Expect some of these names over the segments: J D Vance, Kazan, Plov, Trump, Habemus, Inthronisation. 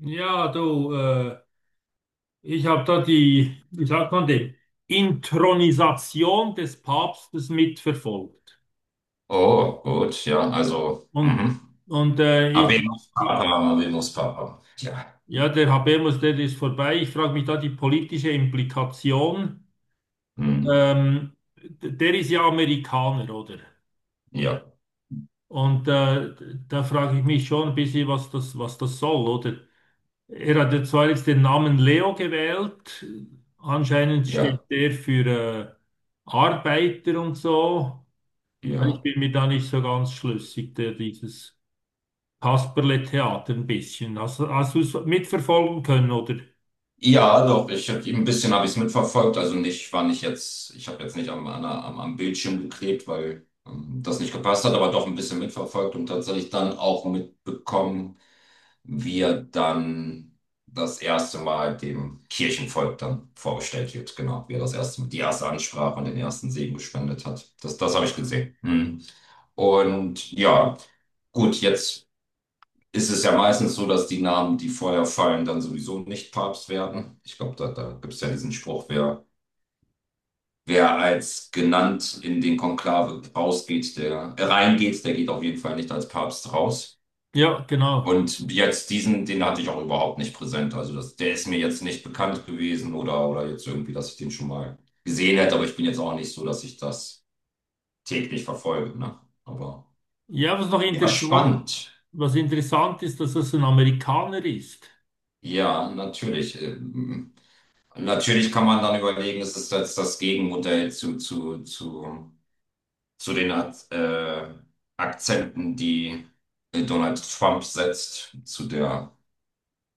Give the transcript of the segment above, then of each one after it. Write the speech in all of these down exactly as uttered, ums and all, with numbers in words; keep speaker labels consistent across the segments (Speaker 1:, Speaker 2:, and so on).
Speaker 1: Ja, du, äh, ich habe da die, wie sagt man dem, Inthronisation des Papstes mitverfolgt.
Speaker 2: Oh, gut, ja, also,
Speaker 1: Und,
Speaker 2: mhm.
Speaker 1: und äh, ich,
Speaker 2: Habemus Papa, Habemus Papa. Ja,
Speaker 1: ja, der Habemus, der ist vorbei. Ich frage mich da die politische Implikation.
Speaker 2: hm,
Speaker 1: Ähm, d- der ist ja Amerikaner, oder?
Speaker 2: ja,
Speaker 1: Und äh, Da frage ich mich schon ein bisschen, was das, was das soll, oder? Er hat ja zwar jetzt den Namen Leo gewählt, anscheinend steht
Speaker 2: ja,
Speaker 1: der für äh, Arbeiter und so. Also ich
Speaker 2: ja.
Speaker 1: bin mir da nicht so ganz schlüssig, der, dieses Kasperle-Theater ein bisschen. Hast, hast du es mitverfolgen können, oder?
Speaker 2: Ja, doch, ich habe ein bisschen habe ich es mitverfolgt. Also nicht, war nicht jetzt, ich habe jetzt nicht am, an, der- am, am Bildschirm geklebt, weil ähm, das nicht gepasst hat, aber doch ein bisschen mitverfolgt und tatsächlich dann auch mitbekommen, wie er dann das erste Mal dem Kirchenvolk dann vorgestellt wird. Genau, wie er das erste, Mal die erste Ansprache und den ersten Segen gespendet hat. Das, das habe ich gesehen. Mhm. Und ja, gut, jetzt ist es ja meistens so, dass die Namen, die vorher fallen, dann sowieso nicht Papst werden. Ich glaube, da, da gibt es ja diesen Spruch, wer, wer als genannt in den Konklave rausgeht, der äh, reingeht, der geht auf jeden Fall nicht als Papst raus.
Speaker 1: Ja, genau.
Speaker 2: Und jetzt diesen, den hatte ich auch überhaupt nicht präsent. Also das, der ist mir jetzt nicht bekannt gewesen oder, oder jetzt irgendwie, dass ich den schon mal gesehen hätte. Aber ich bin jetzt auch nicht so, dass ich das täglich verfolge. Ne? Aber
Speaker 1: Ja, was noch
Speaker 2: ja,
Speaker 1: interessant,
Speaker 2: spannend.
Speaker 1: Was interessant ist, dass das ein Amerikaner ist.
Speaker 2: Ja, natürlich. Ähm, Natürlich kann man dann überlegen, es ist jetzt das Gegenmodell zu, zu, zu, zu den Ak- äh, Akzenten, die äh, Donald Trump setzt, zu der,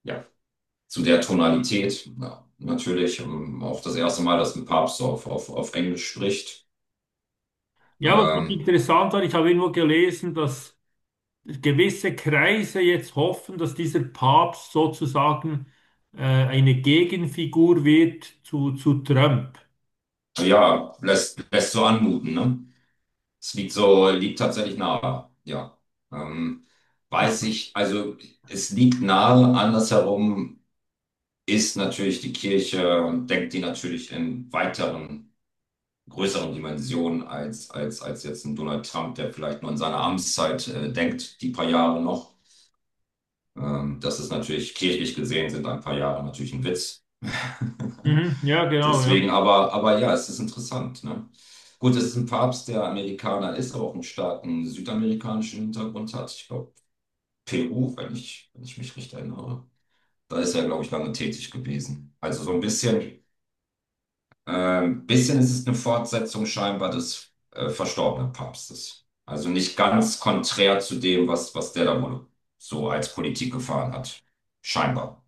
Speaker 2: ja, zu der Tonalität. Ja, natürlich, ähm, auch das erste Mal, dass ein Papst auf, auf, auf Englisch spricht.
Speaker 1: Ja, was noch
Speaker 2: Ähm,
Speaker 1: interessant war, ich habe irgendwo gelesen, dass gewisse Kreise jetzt hoffen, dass dieser Papst sozusagen äh, eine Gegenfigur wird zu, zu Trump.
Speaker 2: ja, lässt, lässt so anmuten, ne? Es liegt so, liegt tatsächlich nahe, ja. Ähm, weiß ich, also es liegt nahe, andersherum ist natürlich die Kirche und denkt die natürlich in weiteren, größeren Dimensionen als, als, als jetzt ein Donald Trump, der vielleicht nur in seiner Amtszeit äh, denkt, die paar Jahre noch. Ähm, das ist natürlich kirchlich gesehen sind ein paar Jahre natürlich ein Witz.
Speaker 1: Mhm, ja, genau,
Speaker 2: Deswegen,
Speaker 1: ja.
Speaker 2: aber, aber ja, es ist interessant. Ne? Gut, es ist ein Papst, der Amerikaner ist, aber auch einen starken südamerikanischen Hintergrund hat. Ich glaube, Peru, wenn ich, wenn ich mich recht erinnere. Da ist er, glaube ich, lange tätig gewesen. Also so ein bisschen, ähm, bisschen ist es eine Fortsetzung scheinbar des äh, verstorbenen Papstes. Also nicht ganz konträr zu dem, was, was der da wohl so als Politik gefahren hat. Scheinbar.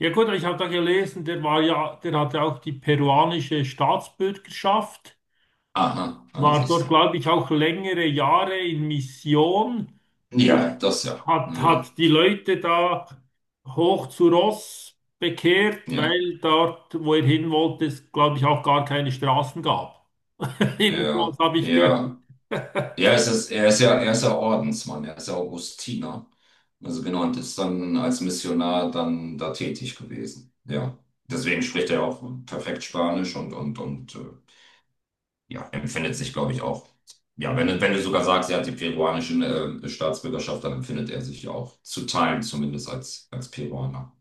Speaker 1: Ja gut, ich habe da gelesen, der war ja, der hatte auch die peruanische Staatsbürgerschaft,
Speaker 2: Aha, ah,
Speaker 1: war
Speaker 2: siehst du.
Speaker 1: dort, glaube ich, auch längere Jahre in Mission und
Speaker 2: Ja, das ja.
Speaker 1: hat,
Speaker 2: Hm,
Speaker 1: hat die Leute da hoch zu Ross bekehrt,
Speaker 2: ja,
Speaker 1: weil dort, wo er hin wollte, es, glaube ich, auch gar keine Straßen gab. Jedenfalls
Speaker 2: ja,
Speaker 1: habe ich gehört.
Speaker 2: ja. Er ist, es- ist, er ist ja, er ist ja Ordensmann, er ist ja Augustiner. Also genau, und ist dann als Missionar dann da tätig gewesen. Ja. Deswegen spricht er auch perfekt Spanisch und, und, und äh, ja, empfindet sich, glaube ich, auch. Ja, wenn, du- wenn du sogar sagst, er hat die peruanische äh, Staatsbürgerschaft, dann empfindet er sich ja auch zu Teilen zumindest als, als Peruaner.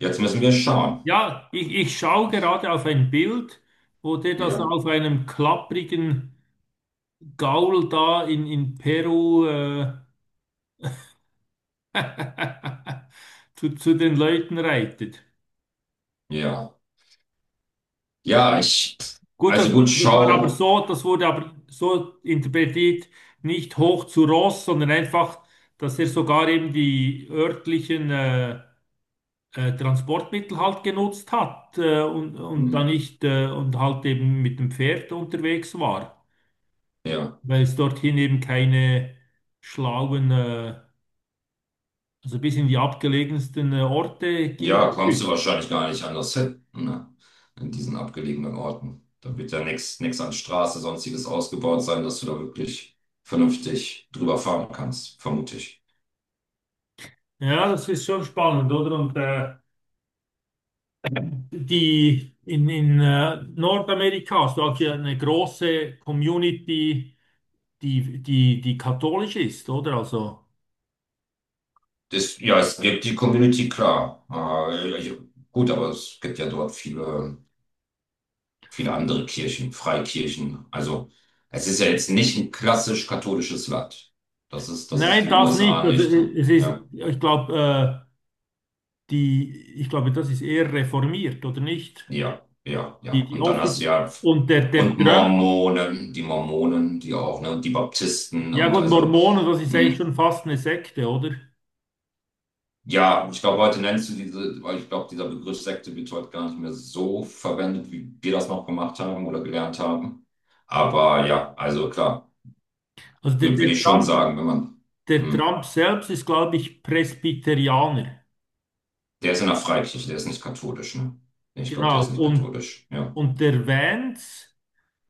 Speaker 2: Jetzt müssen wir schauen.
Speaker 1: Ja, ich, ich schaue gerade auf ein Bild, wo der das
Speaker 2: Ja,
Speaker 1: auf einem klapprigen Gaul da in, in Peru äh, zu, zu den Leuten reitet.
Speaker 2: ja. Ja, ich,
Speaker 1: Gut, das,
Speaker 2: also gut,
Speaker 1: das war aber
Speaker 2: schau,
Speaker 1: so, das wurde aber so interpretiert, nicht hoch zu Ross, sondern einfach, dass er sogar eben die örtlichen äh, äh, Transportmittel halt genutzt hat äh, und, und dann
Speaker 2: hm,
Speaker 1: nicht äh, und halt eben mit dem Pferd unterwegs war,
Speaker 2: ja,
Speaker 1: weil es dorthin eben keine schlauen, äh, also bis in die abgelegensten äh, Orte ging.
Speaker 2: ja,
Speaker 1: Der
Speaker 2: kommst du
Speaker 1: Typ.
Speaker 2: wahrscheinlich gar nicht anders hin, ne? In diesen abgelegenen Orten. Da wird ja nichts nichts an Straße, sonstiges ausgebaut sein, dass du da wirklich vernünftig drüber fahren kannst, vermute ich.
Speaker 1: Ja, das ist schon spannend, oder? Und äh, die in, in äh, Nordamerika hast du auch hier eine große Community, die, die, die katholisch ist, oder? Also
Speaker 2: Das, ja, es gibt die Community, klar. Äh, ich, gut, aber es gibt ja dort viele, viele andere Kirchen, Freikirchen. Also, es ist ja jetzt nicht ein klassisch katholisches Land. Das ist, das ist
Speaker 1: nein,
Speaker 2: die
Speaker 1: das nicht.
Speaker 2: U S A
Speaker 1: Also,
Speaker 2: nicht. Ne?
Speaker 1: es ist,
Speaker 2: Ja.
Speaker 1: ich glaube, die, ich glaube, das ist eher reformiert, oder nicht?
Speaker 2: Ja, ja, ja.
Speaker 1: Die, die
Speaker 2: Und dann hast du
Speaker 1: Offi-
Speaker 2: ja,
Speaker 1: und der, der
Speaker 2: und
Speaker 1: Trump,
Speaker 2: Mormonen, die Mormonen, die auch, ne, und die Baptisten
Speaker 1: Ja
Speaker 2: und
Speaker 1: gut,
Speaker 2: also,
Speaker 1: Mormonen, das ist eigentlich
Speaker 2: mh,
Speaker 1: schon fast eine Sekte, oder?
Speaker 2: ja, ich glaube, heute nennst du diese, weil ich glaube, dieser Begriff Sekte wird heute gar nicht mehr so verwendet, wie wir das noch gemacht haben oder gelernt haben. Aber ja, also klar,
Speaker 1: Also der,
Speaker 2: würde würd
Speaker 1: der
Speaker 2: ich schon
Speaker 1: Trump,
Speaker 2: sagen, wenn man,
Speaker 1: Der
Speaker 2: mh,
Speaker 1: Trump selbst ist, glaube ich, Presbyterianer.
Speaker 2: der ist in der Freikirche, der ist nicht katholisch, ne? Ich glaube, der ist
Speaker 1: Genau.
Speaker 2: nicht
Speaker 1: Und,
Speaker 2: katholisch, ja.
Speaker 1: und der Vance,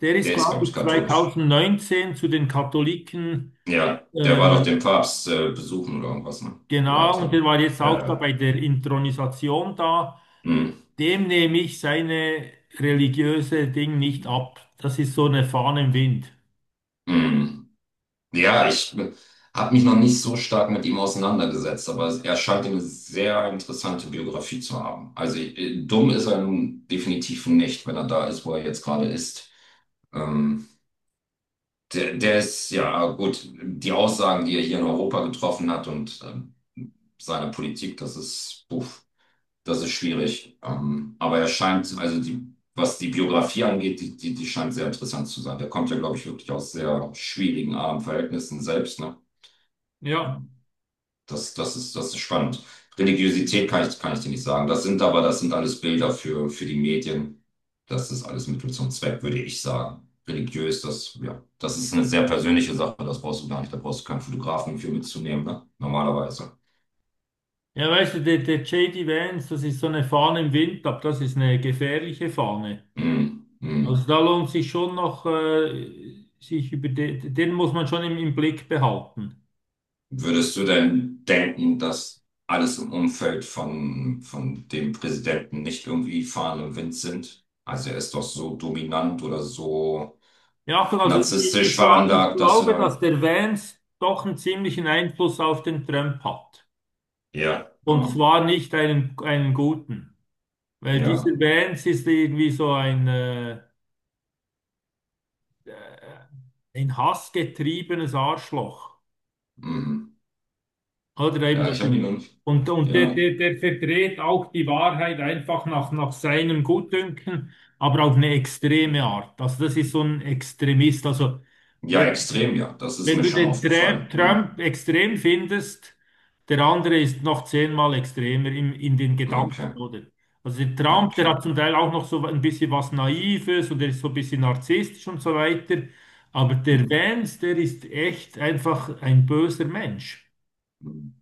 Speaker 1: der ist,
Speaker 2: Der ist, glaube
Speaker 1: glaube
Speaker 2: ich,
Speaker 1: ich,
Speaker 2: katholisch.
Speaker 1: zweitausendneunzehn zu den Katholiken,
Speaker 2: Ja, der war doch
Speaker 1: äh,
Speaker 2: den Papst äh, besuchen oder irgendwas, ne? Oder
Speaker 1: genau, und
Speaker 2: hatte.
Speaker 1: der war jetzt auch
Speaker 2: Ja,
Speaker 1: da
Speaker 2: ja.
Speaker 1: bei der Inthronisation da.
Speaker 2: Hm,
Speaker 1: Dem nehme ich seine religiöse Ding nicht ab. Das ist so eine Fahne im Wind.
Speaker 2: hm. Ja, ich habe mich noch nicht so stark mit ihm auseinandergesetzt, aber er scheint eine sehr interessante Biografie zu haben. Also äh, dumm ist er nun definitiv nicht, wenn er da ist, wo er jetzt gerade ist. Ähm, der, der ist, ja gut, die Aussagen, die er hier in Europa getroffen hat und ähm, seine Politik, das ist, puh. Das ist schwierig. Ähm, aber er scheint, also die, was die Biografie angeht, die, die, die scheint sehr interessant zu sein. Der kommt ja, glaube ich, wirklich aus sehr schwierigen, armen Verhältnissen selbst, ne?
Speaker 1: Ja.
Speaker 2: Ähm, das, das ist, das ist spannend. Religiosität kann ich, kann ich dir nicht sagen. Das sind aber, das sind alles Bilder für, für die Medien. Das ist alles Mittel zum Zweck, würde ich sagen. Religiös, das, ja, das ist eine sehr persönliche Sache, das brauchst du gar nicht, da brauchst du keinen Fotografen für mitzunehmen, ne? Normalerweise.
Speaker 1: Ja, weißt du, der, der J D Vance, das ist so eine Fahne im Wind, aber das ist eine gefährliche Fahne.
Speaker 2: Mm, mm.
Speaker 1: Also da lohnt sich schon noch, äh, sich über den, den muss man schon im, im Blick behalten.
Speaker 2: Würdest du denn denken, dass alles im Umfeld von, von dem Präsidenten nicht irgendwie Fahnen im Wind sind? Also er ist doch so dominant oder so
Speaker 1: Ja, also ich,
Speaker 2: narzisstisch
Speaker 1: ich, glaub, ich
Speaker 2: veranlagt, dass du
Speaker 1: glaube, dass
Speaker 2: da...
Speaker 1: der Vance doch einen ziemlichen Einfluss auf den Trump hat.
Speaker 2: Ja,
Speaker 1: Und
Speaker 2: ah,
Speaker 1: zwar nicht einen, einen guten. Weil dieser
Speaker 2: ja,
Speaker 1: Vance ist irgendwie so ein, äh, ein hassgetriebenes Arschloch.
Speaker 2: mhm.
Speaker 1: Oder eben,
Speaker 2: Ja,
Speaker 1: dass
Speaker 2: ich
Speaker 1: er,
Speaker 2: habe ihn noch nicht...
Speaker 1: und, und der,
Speaker 2: Ja,
Speaker 1: der, der verdreht auch die Wahrheit einfach nach, nach seinem Gutdünken, aber auf eine extreme Art. Also das ist so ein Extremist. Also
Speaker 2: ja, extrem,
Speaker 1: wenn,
Speaker 2: ja. Das ist
Speaker 1: wenn
Speaker 2: mir
Speaker 1: du
Speaker 2: schon
Speaker 1: den Tra-
Speaker 2: aufgefallen. Hm.
Speaker 1: Trump extrem findest, der andere ist noch zehnmal extremer im, in den Gedanken,
Speaker 2: Okay,
Speaker 1: oder? Also der Trump, der
Speaker 2: okay.
Speaker 1: hat zum Teil auch noch so ein bisschen was Naives und er ist so ein bisschen narzisstisch und so weiter. Aber der
Speaker 2: Hm.
Speaker 1: Vance, der ist echt einfach ein böser Mensch.
Speaker 2: Hm.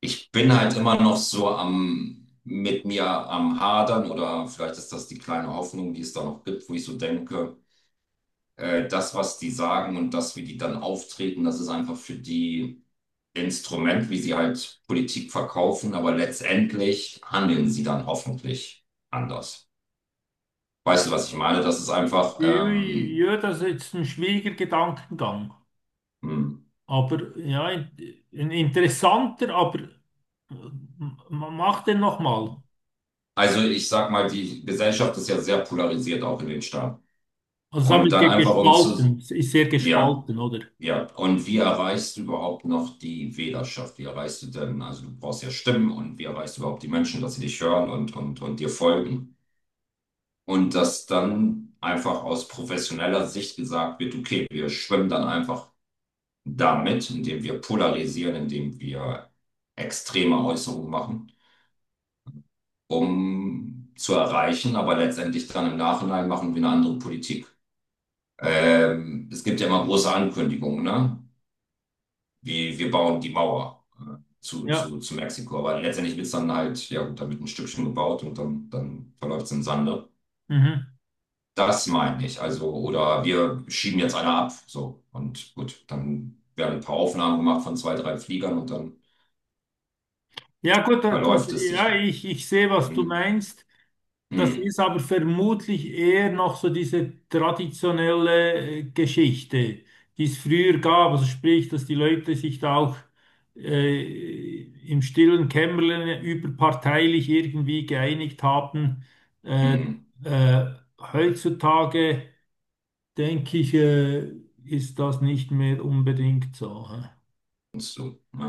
Speaker 2: Ich bin halt immer noch so am... mit mir am Hadern oder vielleicht ist das die kleine Hoffnung, die es da noch gibt, wo ich so denke, äh, das, was die sagen und das, wie die dann auftreten, das ist einfach für die Instrument, wie sie halt Politik verkaufen, aber letztendlich handeln sie dann hoffentlich anders. Weißt du, was ich meine? Das ist einfach,
Speaker 1: Ja,
Speaker 2: ähm,
Speaker 1: ja, das ist jetzt ein schwieriger Gedankengang.
Speaker 2: hm.
Speaker 1: Aber ja, in- ein interessanter, aber m- m- mach den nochmal.
Speaker 2: Also ich sag mal, die Gesellschaft ist ja sehr polarisiert, auch in den Staaten.
Speaker 1: Also
Speaker 2: Und
Speaker 1: damit
Speaker 2: dann
Speaker 1: ge-
Speaker 2: einfach um zu,
Speaker 1: gespalten, ist sehr
Speaker 2: ja,
Speaker 1: gespalten, oder?
Speaker 2: ja. Und wie erreichst du überhaupt noch die Wählerschaft? Wie erreichst du denn, also du brauchst ja Stimmen und wie erreichst du überhaupt die Menschen, dass sie dich hören und, und, und dir folgen? Und dass dann einfach aus professioneller Sicht gesagt wird, okay, wir schwimmen dann einfach damit, indem wir polarisieren, indem wir extreme Äußerungen machen, um zu erreichen, aber letztendlich dann im Nachhinein machen wir eine andere Politik. Ähm, es gibt ja immer große Ankündigungen, ne? Wie wir bauen die Mauer äh, zu,
Speaker 1: Ja.
Speaker 2: zu, zu Mexiko, aber letztendlich wird es dann halt, ja gut, da wird ein Stückchen gebaut und dann, dann verläuft es im Sande.
Speaker 1: Mhm.
Speaker 2: Das meine ich. Also, oder wir schieben jetzt einer ab. So. Und gut, dann werden ein paar Aufnahmen gemacht von zwei, drei Fliegern und dann
Speaker 1: Ja, gut, da- das,
Speaker 2: verläuft es
Speaker 1: ja,
Speaker 2: sich.
Speaker 1: ich, ich sehe, was du
Speaker 2: Hm,
Speaker 1: meinst. Das
Speaker 2: hm,
Speaker 1: ist aber vermutlich eher noch so diese traditionelle äh, Geschichte, die es früher gab. Also sprich, dass die Leute sich da auch äh, im stillen Kämmerlein überparteilich irgendwie geeinigt haben.
Speaker 2: hm.
Speaker 1: Äh,
Speaker 2: Hm.
Speaker 1: äh, Heutzutage denke ich, äh, ist das nicht mehr unbedingt so.
Speaker 2: Und so. Ne?